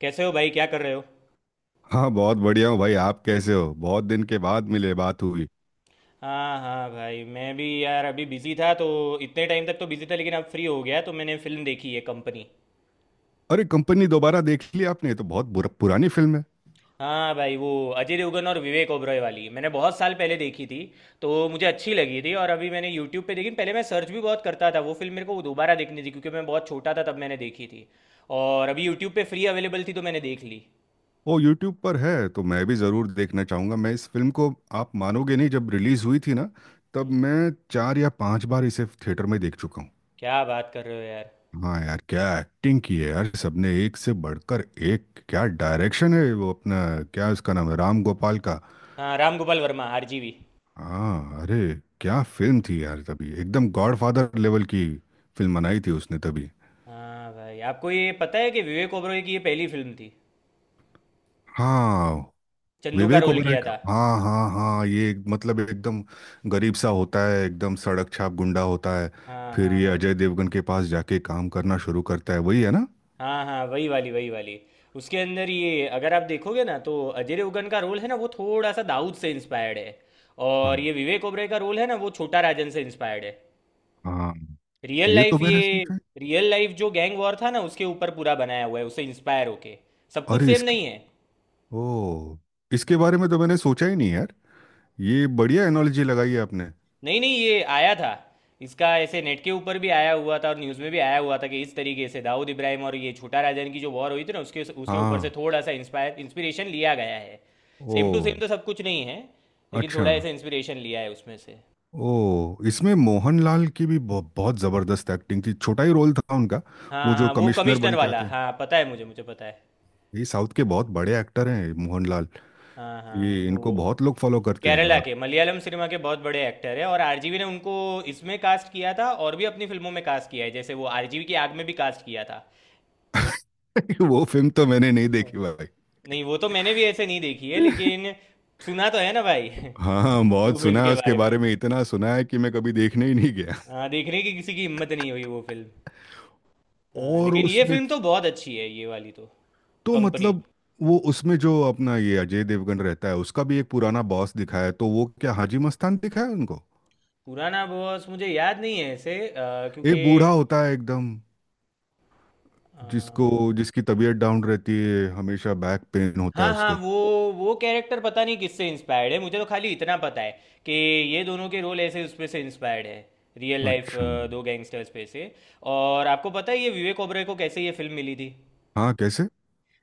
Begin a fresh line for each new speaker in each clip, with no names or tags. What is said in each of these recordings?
कैसे हो भाई? क्या कर रहे हो?
हाँ, बहुत बढ़िया हूँ भाई। आप कैसे हो? बहुत दिन के बाद मिले, बात हुई।
हाँ हाँ भाई, मैं भी यार अभी बिजी था तो इतने टाइम तक तो बिजी था, लेकिन अब फ्री हो गया तो मैंने फिल्म देखी है, कंपनी।
अरे, कंपनी दोबारा देख ली आपने? ये तो बहुत बुरा, पुरानी फिल्म है।
हाँ भाई, वो अजय देवगन और विवेक ओबरॉय वाली मैंने बहुत साल पहले देखी थी, तो मुझे अच्छी लगी थी। और अभी मैंने यूट्यूब पे देखी। पहले मैं सर्च भी बहुत करता था, वो फिल्म मेरे को दोबारा देखनी थी क्योंकि मैं बहुत छोटा था तब मैंने देखी थी। और अभी यूट्यूब पे फ्री अवेलेबल थी तो मैंने देख ली।
वो यूट्यूब पर है तो मैं भी ज़रूर देखना चाहूँगा मैं इस फिल्म को। आप मानोगे नहीं, जब रिलीज़ हुई थी ना, तब
हम्म,
मैं चार या पांच बार इसे थिएटर में देख चुका हूँ।
क्या बात कर रहे हो यार?
हाँ यार, क्या एक्टिंग की है यार, सबने एक से बढ़कर एक। क्या डायरेक्शन है वो अपना, क्या उसका नाम है, राम गोपाल का।
हाँ, राम गोपाल वर्मा, आरजीवी।
हाँ, अरे क्या फिल्म थी यार, तभी एकदम गॉडफादर लेवल की फिल्म बनाई थी उसने तभी।
हाँ भाई, आपको ये पता है कि विवेक ओबरॉय की ये पहली फिल्म थी?
हाँ,
चंदू का
विवेक
रोल
ओबराय
किया
का,
था।
हाँ हाँ हाँ, ये मतलब एकदम गरीब सा होता है, एकदम सड़क छाप गुंडा होता है।
हाँ
फिर
हाँ
ये
हाँ,
अजय देवगन के पास जाके काम करना शुरू करता है, वही है ना।
हाँ हाँ वही वाली, वही वाली। उसके अंदर, ये अगर आप देखोगे ना, तो अजय देवगन का रोल है ना, वो थोड़ा सा दाऊद से इंस्पायर्ड है।
हाँ
और ये विवेक ओबराय का रोल है ना, वो छोटा राजन से इंस्पायर्ड है।
हाँ,
रियल
ये तो
लाइफ
मैंने
ये।
सोचा है।
रियल लाइफ जो गैंग वॉर था ना, उसके ऊपर पूरा बनाया हुआ है, उससे इंस्पायर होके। सब कुछ
अरे
सेम
इसकी,
नहीं है।
ओ, इसके बारे में तो मैंने सोचा ही नहीं यार। ये बढ़िया एनालॉजी लगाई है आपने।
नहीं नहीं, ये आया था। इसका ऐसे नेट के ऊपर भी आया हुआ था, और न्यूज़ में भी आया हुआ था कि इस तरीके से दाऊद इब्राहिम और ये छोटा राजन की जो वॉर हुई थी ना, उसके उसके ऊपर से
हाँ।
थोड़ा सा इंस्पायर इंस्पिरेशन लिया गया है।
ओ
सेम टू सेम तो सब कुछ नहीं है। लेकिन
अच्छा।
थोड़ा ऐसे इंस्पिरेशन लिया है उसमें से।
ओ, इसमें मोहनलाल की भी बहुत जबरदस्त एक्टिंग थी, छोटा ही रोल था उनका। वो
हाँ
जो
हाँ, वो
कमिश्नर
कमिश्नर
बन के
वाला।
आते हैं,
हाँ पता है, मुझे मुझे पता है।
ये साउथ के बहुत बड़े एक्टर हैं मोहनलाल।
हाँ हाँ
ये इनको
वो।
बहुत लोग फॉलो करते हैं
केरला के
और
मलयालम सिनेमा के बहुत बड़े एक्टर है, और आरजीवी ने उनको इसमें कास्ट किया था, और भी अपनी फिल्मों में कास्ट किया है, जैसे वो आरजीवी की आग में भी कास्ट किया
वो फिल्म तो मैंने नहीं
था।
देखी भाई।
नहीं, वो तो मैंने भी ऐसे नहीं देखी है, लेकिन सुना तो है ना भाई।
हाँ, बहुत
वो फिल्म
सुना है
के
उसके
बारे में।
बारे में, इतना सुना है कि मैं कभी देखने ही नहीं गया।
हाँ, देखने की किसी की हिम्मत नहीं हुई वो फिल्म। हाँ,
और
लेकिन ये
उसमें,
फिल्म तो बहुत अच्छी है, ये वाली तो,
तो
कंपनी।
मतलब, वो उसमें जो अपना ये अजय देवगन रहता है, उसका भी एक पुराना बॉस दिखाया है, तो वो क्या हाजी मस्तान दिखाया है उनको।
पुराना बॉस मुझे याद नहीं है ऐसे,
एक
क्योंकि
बूढ़ा होता है एकदम,
अ,
जिसको, जिसकी तबीयत डाउन रहती है, हमेशा बैक पेन होता है
हाँ हाँ,
उसको।
वो कैरेक्टर पता नहीं किससे इंस्पायर्ड है। मुझे तो खाली इतना पता है कि ये दोनों के रोल ऐसे उसमें से इंस्पायर्ड है, रियल लाइफ
अच्छा।
दो गैंगस्टर्स पे से। और आपको पता है ये विवेक ओबराय को कैसे ये फिल्म मिली थी?
हाँ कैसे।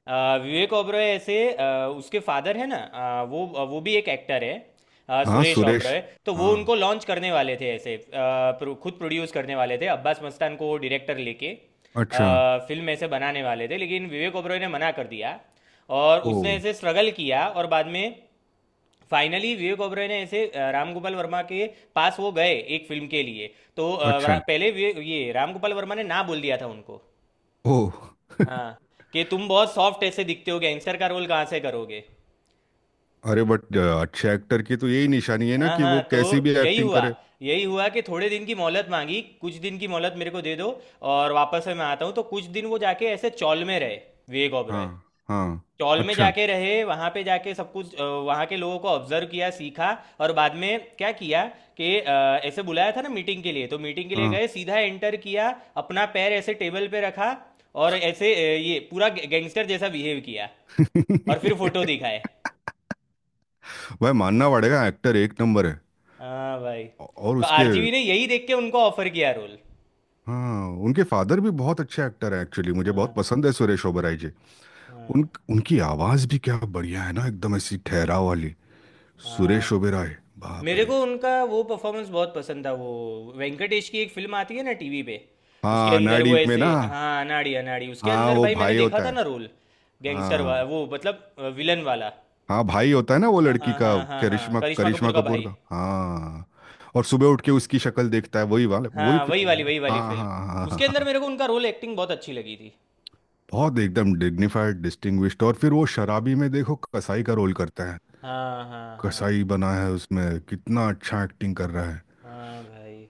अ, विवेक ओबरॉय ऐसे, उसके फादर है ना, वो भी एक एक्टर है,
हाँ
सुरेश
सुरेश।
ओबरॉय। तो वो
हाँ।
उनको लॉन्च करने वाले थे ऐसे, खुद प्रोड्यूस करने वाले थे, अब्बास मस्तान को डायरेक्टर लेके
अच्छा।
फिल्म ऐसे बनाने वाले थे, लेकिन विवेक ओबरॉय ने मना कर दिया। और
ओ।
उसने ऐसे स्ट्रगल किया, और बाद में फाइनली विवेक ओबरॉय ने ऐसे राम गोपाल वर्मा के पास वो गए एक फिल्म के लिए, तो
अच्छा।
पहले ये राम गोपाल वर्मा ने ना बोल दिया था उनको।
ओ।
हाँ, कि तुम बहुत सॉफ्ट ऐसे दिखते हो, गैंगस्टर का रोल कहाँ से करोगे?
अरे बट अच्छे एक्टर की तो यही निशानी है ना
हाँ
कि
हाँ,
वो
तो
कैसी भी
यही
एक्टिंग
हुआ।
करे।
यही हुआ कि थोड़े दिन की मोहलत मांगी, कुछ दिन की मोहलत मेरे को दे दो, और वापस से मैं आता हूँ। तो कुछ दिन वो जाके ऐसे चौल में रहे, विवेक
हाँ
ओबरॉय।
हाँ।
चौल में
अच्छा।
जाके रहे, वहाँ पे जाके सब कुछ वहाँ के लोगों को ऑब्जर्व किया, सीखा। और बाद में क्या किया, कि ऐसे बुलाया था ना मीटिंग के लिए, तो मीटिंग के लिए
हाँ।
गए, सीधा एंटर किया। अपना पैर ऐसे टेबल पे रखा, और ऐसे ये पूरा गैंगस्टर जैसा बिहेव किया, और फिर फोटो दिखाए।
भाई मानना पड़ेगा, एक्टर एक नंबर है।
हाँ भाई।
और
तो
उसके,
आरजीवी ने यही देख के उनको ऑफर किया रोल।
हाँ, उनके फादर भी बहुत अच्छे एक्टर हैं, एक्चुअली मुझे बहुत
हाँ
पसंद है सुरेश ओबेरॉय जी।
हाँ
उन उनकी आवाज़ भी क्या बढ़िया है ना, एकदम ऐसी ठहराव वाली।
हाँ
सुरेश
भाई।
ओबेरॉय, बाप
मेरे
रे।
को उनका वो परफॉर्मेंस बहुत पसंद था, वो वेंकटेश की एक फिल्म आती है ना टीवी पे, उसके
हाँ,
अंदर
नाड़ी
वो
में
ऐसे।
ना।
हाँ, अनाड़ी अनाड़ी, उसके
हाँ
अंदर
वो
भाई मैंने
भाई
देखा
होता
था
है।
ना रोल, गैंगस्टर
हाँ
वाला, वो मतलब विलन वाला।
हाँ, भाई होता है ना वो
हाँ
लड़की
हाँ
का,
हाँ हाँ हाँ,
करिश्मा,
करिश्मा
करिश्मा
कपूर का
कपूर
भाई।
का, हाँ। और सुबह उठ के उसकी शक्ल देखता है, वही वाला वही
हाँ, वही वाली, वही वाली
हाँ
फिल्म।
हाँ हाँ हाँ
उसके अंदर मेरे
हाँ।
को उनका रोल, एक्टिंग बहुत अच्छी लगी थी।
बहुत एकदम डिग्निफाइड, डिस्टिंग्विश्ड। और फिर वो शराबी में देखो, कसाई का रोल करता है।
हाँ हाँ हाँ
कसाई बना है उसमें, कितना अच्छा एक्टिंग कर रहा है।
हाँ भाई।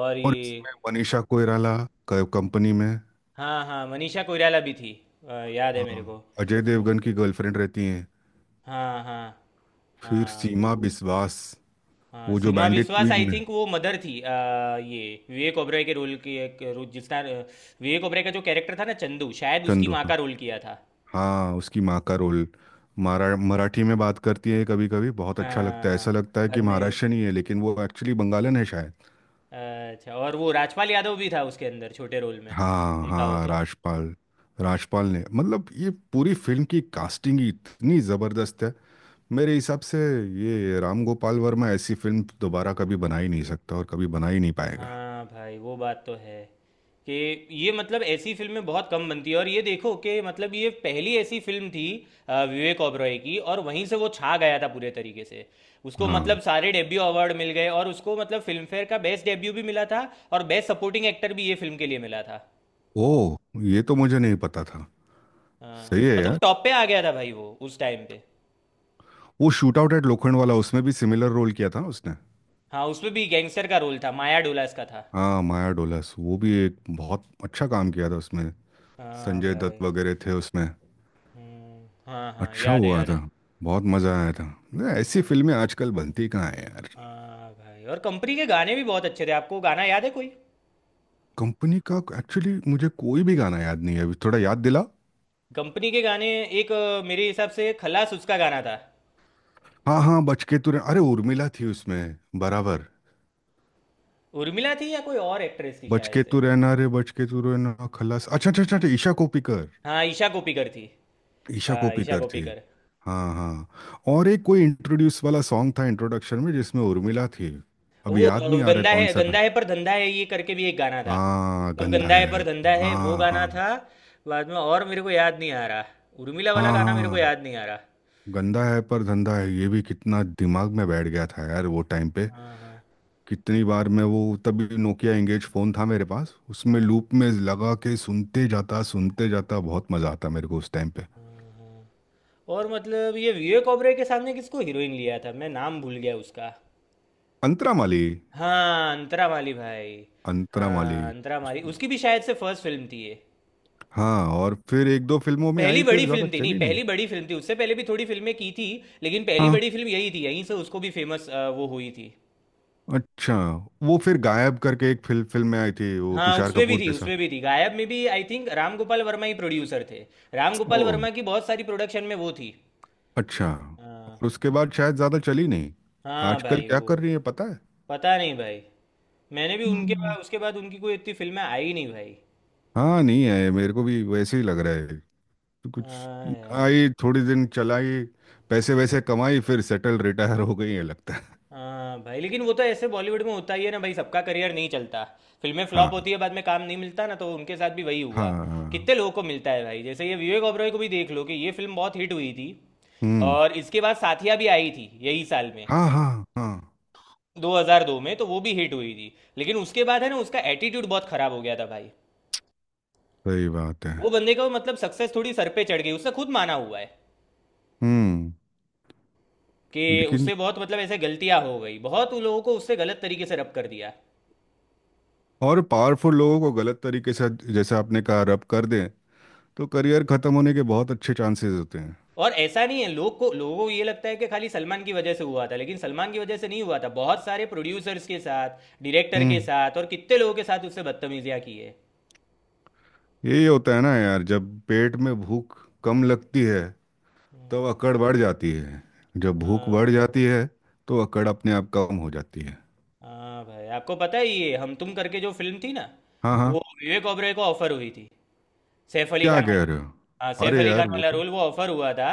और
और
ये,
इसमें मनीषा कोइराला, कंपनी में।
हाँ हाँ मनीषा कोइराला भी थी, याद है
हाँ,
मेरे को।
अजय
मनी
देवगन की गर्लफ्रेंड रहती है।
हाँ हाँ
फिर
हाँ
सीमा
वो।
बिस्वास,
हाँ,
वो जो
Seema
bandit
Biswas
queen
I
में।
थिंक वो मदर थी। ये विवेक ओबराय के रोल के रोल जिसका, विवेक ओबराय का जो कैरेक्टर था ना, चंदू, शायद उसकी
चंदू,
माँ का रोल किया था।
हाँ उसकी माँ का रोल। मारा मराठी में बात करती है कभी कभी, बहुत अच्छा लगता
हाँ
है,
हाँ,
ऐसा लगता है कि
बाद में।
महाराष्ट्रियन ही है, लेकिन वो एक्चुअली बंगालन है शायद।
अच्छा, और वो राजपाल यादव भी था उसके अंदर छोटे रोल में,
हाँ
देखा हो
हाँ,
तो।
राजपाल। राजपाल ने, मतलब ये पूरी फिल्म की कास्टिंग ही इतनी ज़बरदस्त है मेरे हिसाब से। ये राम गोपाल वर्मा ऐसी फिल्म दोबारा कभी बना ही नहीं सकता और कभी बना ही नहीं पाएगा।
हाँ भाई, वो बात तो है कि ये मतलब ऐसी फिल्में बहुत कम बनती है, और ये देखो कि मतलब ये पहली ऐसी फिल्म थी विवेक ओबरॉय की, और वहीं से वो छा गया था पूरे तरीके से। उसको
हाँ।
मतलब सारे डेब्यू अवार्ड मिल गए, और उसको मतलब फिल्म फेयर का बेस्ट डेब्यू भी मिला था, और बेस्ट सपोर्टिंग एक्टर भी ये फिल्म के लिए मिला था।
ओ, ये तो मुझे नहीं पता था। सही
हाँ
है
मतलब
यार।
टॉप पे आ गया था भाई वो उस टाइम पे।
वो shootout at Lokhandwala, उसमें भी सिमिलर रोल किया था उसने।
हाँ, उसमें भी गैंगस्टर का रोल था, माया डोलास का था।
हाँ माया डोलस, वो भी एक बहुत अच्छा काम किया था उसमें।
हाँ
संजय दत्त
भाई।
वगैरह थे उसमें।
हम्म, हाँ हाँ,
अच्छा
याद है,
हुआ
याद
था,
है।
बहुत मज़ा आया था। नहीं, ऐसी
और,
फिल्में आजकल बनती कहाँ है यार।
हाँ भाई, और कंपनी के गाने भी बहुत अच्छे थे। आपको गाना याद है कोई?
कंपनी का एक्चुअली मुझे कोई भी गाना याद नहीं है, अभी थोड़ा याद दिला।
कंपनी के गाने, एक मेरे हिसाब से खलास उसका गाना था।
हाँ हाँ, बच के तू रहना, अरे उर्मिला थी उसमें। बराबर,
उर्मिला थी या कोई और एक्ट्रेस थी
बच
शायद
के
से।
तू रहना रे बच के तू रहना खलास। अच्छा अच्छा अच्छा अच्छा, ईशा कोप्पिकर।
हाँ, ईशा कोप्पिकर थी।
ईशा
हाँ, ईशा
कोप्पिकर थी।
कोप्पिकर।
हाँ हाँ, और एक कोई इंट्रोड्यूस वाला सॉन्ग था, इंट्रोडक्शन में जिसमें उर्मिला थी।
वो
अभी याद नहीं आ रहा है कौन सा।
गंदा है पर धंधा है, ये करके भी एक गाना था।
हाँ,
सब
गंदा
गंदा
है।
है पर धंधा है, वो
हाँ
गाना
हाँ
था। बाद में और मेरे को याद नहीं आ रहा, उर्मिला वाला
हाँ
गाना मेरे को
हाँ,
याद नहीं आ रहा।
गंदा है पर धंधा है, ये भी कितना दिमाग में बैठ गया था यार वो टाइम पे।
हाँ हाँ
कितनी बार मैं वो, तभी नोकिया एंगेज फ़ोन था मेरे पास, उसमें
हाँ
लूप में लगा के सुनते जाता सुनते जाता, बहुत मज़ा आता मेरे को उस टाइम पे।
हाँ हाँ। और मतलब ये विवेक ओबरे के सामने किसको हीरोइन लिया था, मैं नाम भूल गया उसका।
अंतरा माली।
हाँ, अंतरामाली भाई।
अंतरा माली।
हाँ,
उस-
अंतरामाली उसकी भी शायद से फर्स्ट फ़िल्म थी ये।
हाँ और फिर एक दो फिल्मों में
पहली
आई, फिर
बड़ी
ज़्यादा
फ़िल्म थी, नहीं,
चली नहीं।
पहली बड़ी फ़िल्म थी। उससे पहले भी थोड़ी फ़िल्में की थी, लेकिन पहली
हाँ।
बड़ी फ़िल्म यही थी। यहीं से उसको भी फ़ेमस वो हुई थी।
अच्छा। वो फिर गायब करके एक फिल्म फिल्म में आई थी वो
हाँ,
तुषार
उसमें भी
कपूर
थी,
के साथ।
उसमें भी थी। गायब में भी आई थिंक राम गोपाल वर्मा ही प्रोड्यूसर थे। राम
ओ,
गोपाल वर्मा की बहुत सारी प्रोडक्शन में वो थी।
अच्छा।
हाँ,
और उसके बाद शायद ज़्यादा चली नहीं।
हाँ
आजकल
भाई
क्या
वो।
कर रही है पता है?
पता नहीं भाई। मैंने भी उनके
हम्म,
बाद, उसके बाद उनकी कोई इतनी फ़िल्में आई नहीं भाई।
हाँ नहीं है, मेरे को भी वैसे ही लग रहा है। तो कुछ,
हाँ यार।
आई, थोड़ी दिन चलाई, पैसे वैसे कमाई, फिर सेटल रिटायर हो गई है लगता है।
हाँ भाई, लेकिन वो तो ऐसे बॉलीवुड में होता ही है ना भाई, सबका करियर नहीं चलता। फिल्में फ्लॉप
हाँ
होती है, बाद में काम नहीं मिलता ना, तो उनके साथ भी वही
हाँ
हुआ।
हाँ,
कितने लोगों को मिलता है भाई, जैसे ये विवेक ओबरॉय को भी देख लो, कि ये फिल्म बहुत हिट हुई थी,
हम्म,
और इसके बाद साथिया भी आई थी यही साल में,
हाँ हाँ हाँ।
2002 में, तो वो भी हिट हुई थी। लेकिन उसके बाद है ना, उसका एटीट्यूड बहुत खराब हो गया था भाई।
सही बात है।
वो बंदे का मतलब सक्सेस थोड़ी सर पे चढ़ गई, उसने खुद माना हुआ है
हम्म।
कि
लेकिन,
उससे बहुत मतलब ऐसे गलतियां हो गई, बहुत उन लोगों को उससे गलत तरीके से रब कर दिया।
और पावरफुल लोगों को गलत तरीके से, जैसे आपने कहा, रब कर दें, तो करियर खत्म होने के बहुत अच्छे चांसेस होते हैं।
और ऐसा नहीं है, लोगों को ये लगता है कि खाली सलमान की वजह से हुआ था, लेकिन सलमान की वजह से नहीं हुआ था। बहुत सारे प्रोड्यूसर्स के साथ, डायरेक्टर के
हम्म।
साथ और कितने लोगों के साथ उससे बदतमीजियाँ की है।
यही होता है ना यार, जब पेट में भूख कम लगती है, तब अकड़ बढ़ जाती है। जब भूख
हाँ
बढ़
भाई।
जाती है, तो अकड़ अपने आप कम हो जाती है।
हाँ भाई, आपको पता है ये हम तुम करके जो फिल्म थी ना,
हाँ हाँ।
वो विवेक ओबरॉय को ऑफर हुई थी, सैफ अली
क्या
खान
कह
वाला।
रहे
हाँ,
हो?
सैफ
अरे
अली
यार
खान
वो
वाला
तो,
रोल वो ऑफर हुआ था,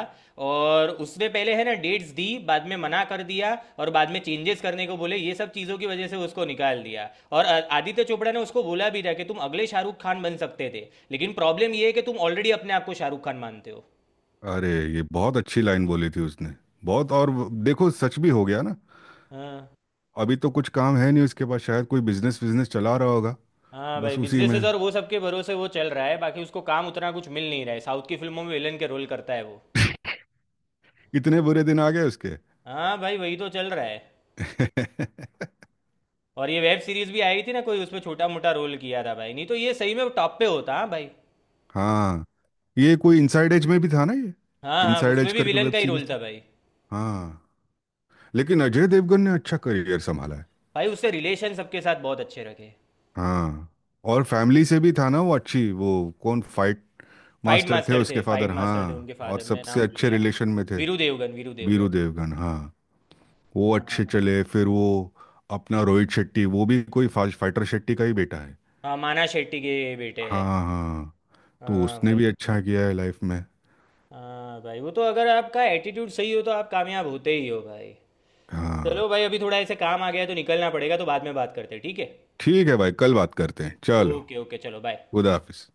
और उसने पहले है ना डेट्स दी, बाद में मना कर दिया, और बाद में चेंजेस करने को बोले, ये सब चीज़ों की वजह से उसको निकाल दिया। और आदित्य चोपड़ा ने उसको बोला भी था कि तुम अगले शाहरुख खान बन सकते थे, लेकिन प्रॉब्लम ये है कि तुम ऑलरेडी अपने आप को शाहरुख खान मानते हो।
अरे ये बहुत अच्छी लाइन बोली थी उसने, बहुत। और देखो, सच भी हो गया ना।
हाँ।
अभी तो कुछ काम है नहीं उसके पास, शायद कोई बिजनेस बिजनेस चला रहा होगा।
हाँ भाई,
बस उसी में,
बिजनेसेस और वो सब के भरोसे वो चल रहा है, बाकी उसको काम उतना कुछ मिल नहीं रहा है, साउथ की फिल्मों में विलन के रोल करता है वो।
इतने बुरे दिन आ गए उसके।
हाँ भाई, वही तो चल रहा है। और ये वेब सीरीज भी आई थी ना कोई, उसमें छोटा मोटा रोल किया था भाई, नहीं तो ये सही में टॉप पे होता। हाँ भाई।
हाँ, ये कोई इनसाइड एज में भी था ना ये।
हाँ हाँ,
इनसाइड
उसमें
एज
भी
करके
विलन
वेब
का ही
सीरीज
रोल
थी।
था भाई।
हाँ, लेकिन अजय देवगन ने अच्छा करियर संभाला है।
भाई, उससे रिलेशन सबके साथ बहुत अच्छे रखे।
हाँ, और फैमिली से भी था ना वो अच्छी, वो कौन, फाइट
फाइट
मास्टर थे
मास्टर
उसके
थे,
फादर,
फाइट मास्टर थे
हाँ,
उनके
और
फादर, मैं
सबसे
नाम भूल
अच्छे
गया।
रिलेशन में थे।
वीरू देवगन, वीरू देवगन।
बीरू देवगन, हाँ। वो
हाँ
अच्छे चले फिर वो। अपना रोहित शेट्टी वो भी कोई फाइटर शेट्टी का ही बेटा है।
हाँ, माना शेट्टी के बेटे हैं।
हाँ हाँ। तो
हाँ
उसने
भाई।
भी अच्छा किया है लाइफ में।
हाँ भाई वो तो, अगर आपका एटीट्यूड सही हो तो आप कामयाब होते ही हो भाई।
हाँ,
चलो भाई, अभी थोड़ा ऐसे काम आ गया है तो निकलना पड़ेगा, तो बाद में बात करते हैं, ठीक है?
ठीक है भाई, कल बात करते हैं, चलो।
ओके ओके, चलो बाय।
खुदा हाफिज।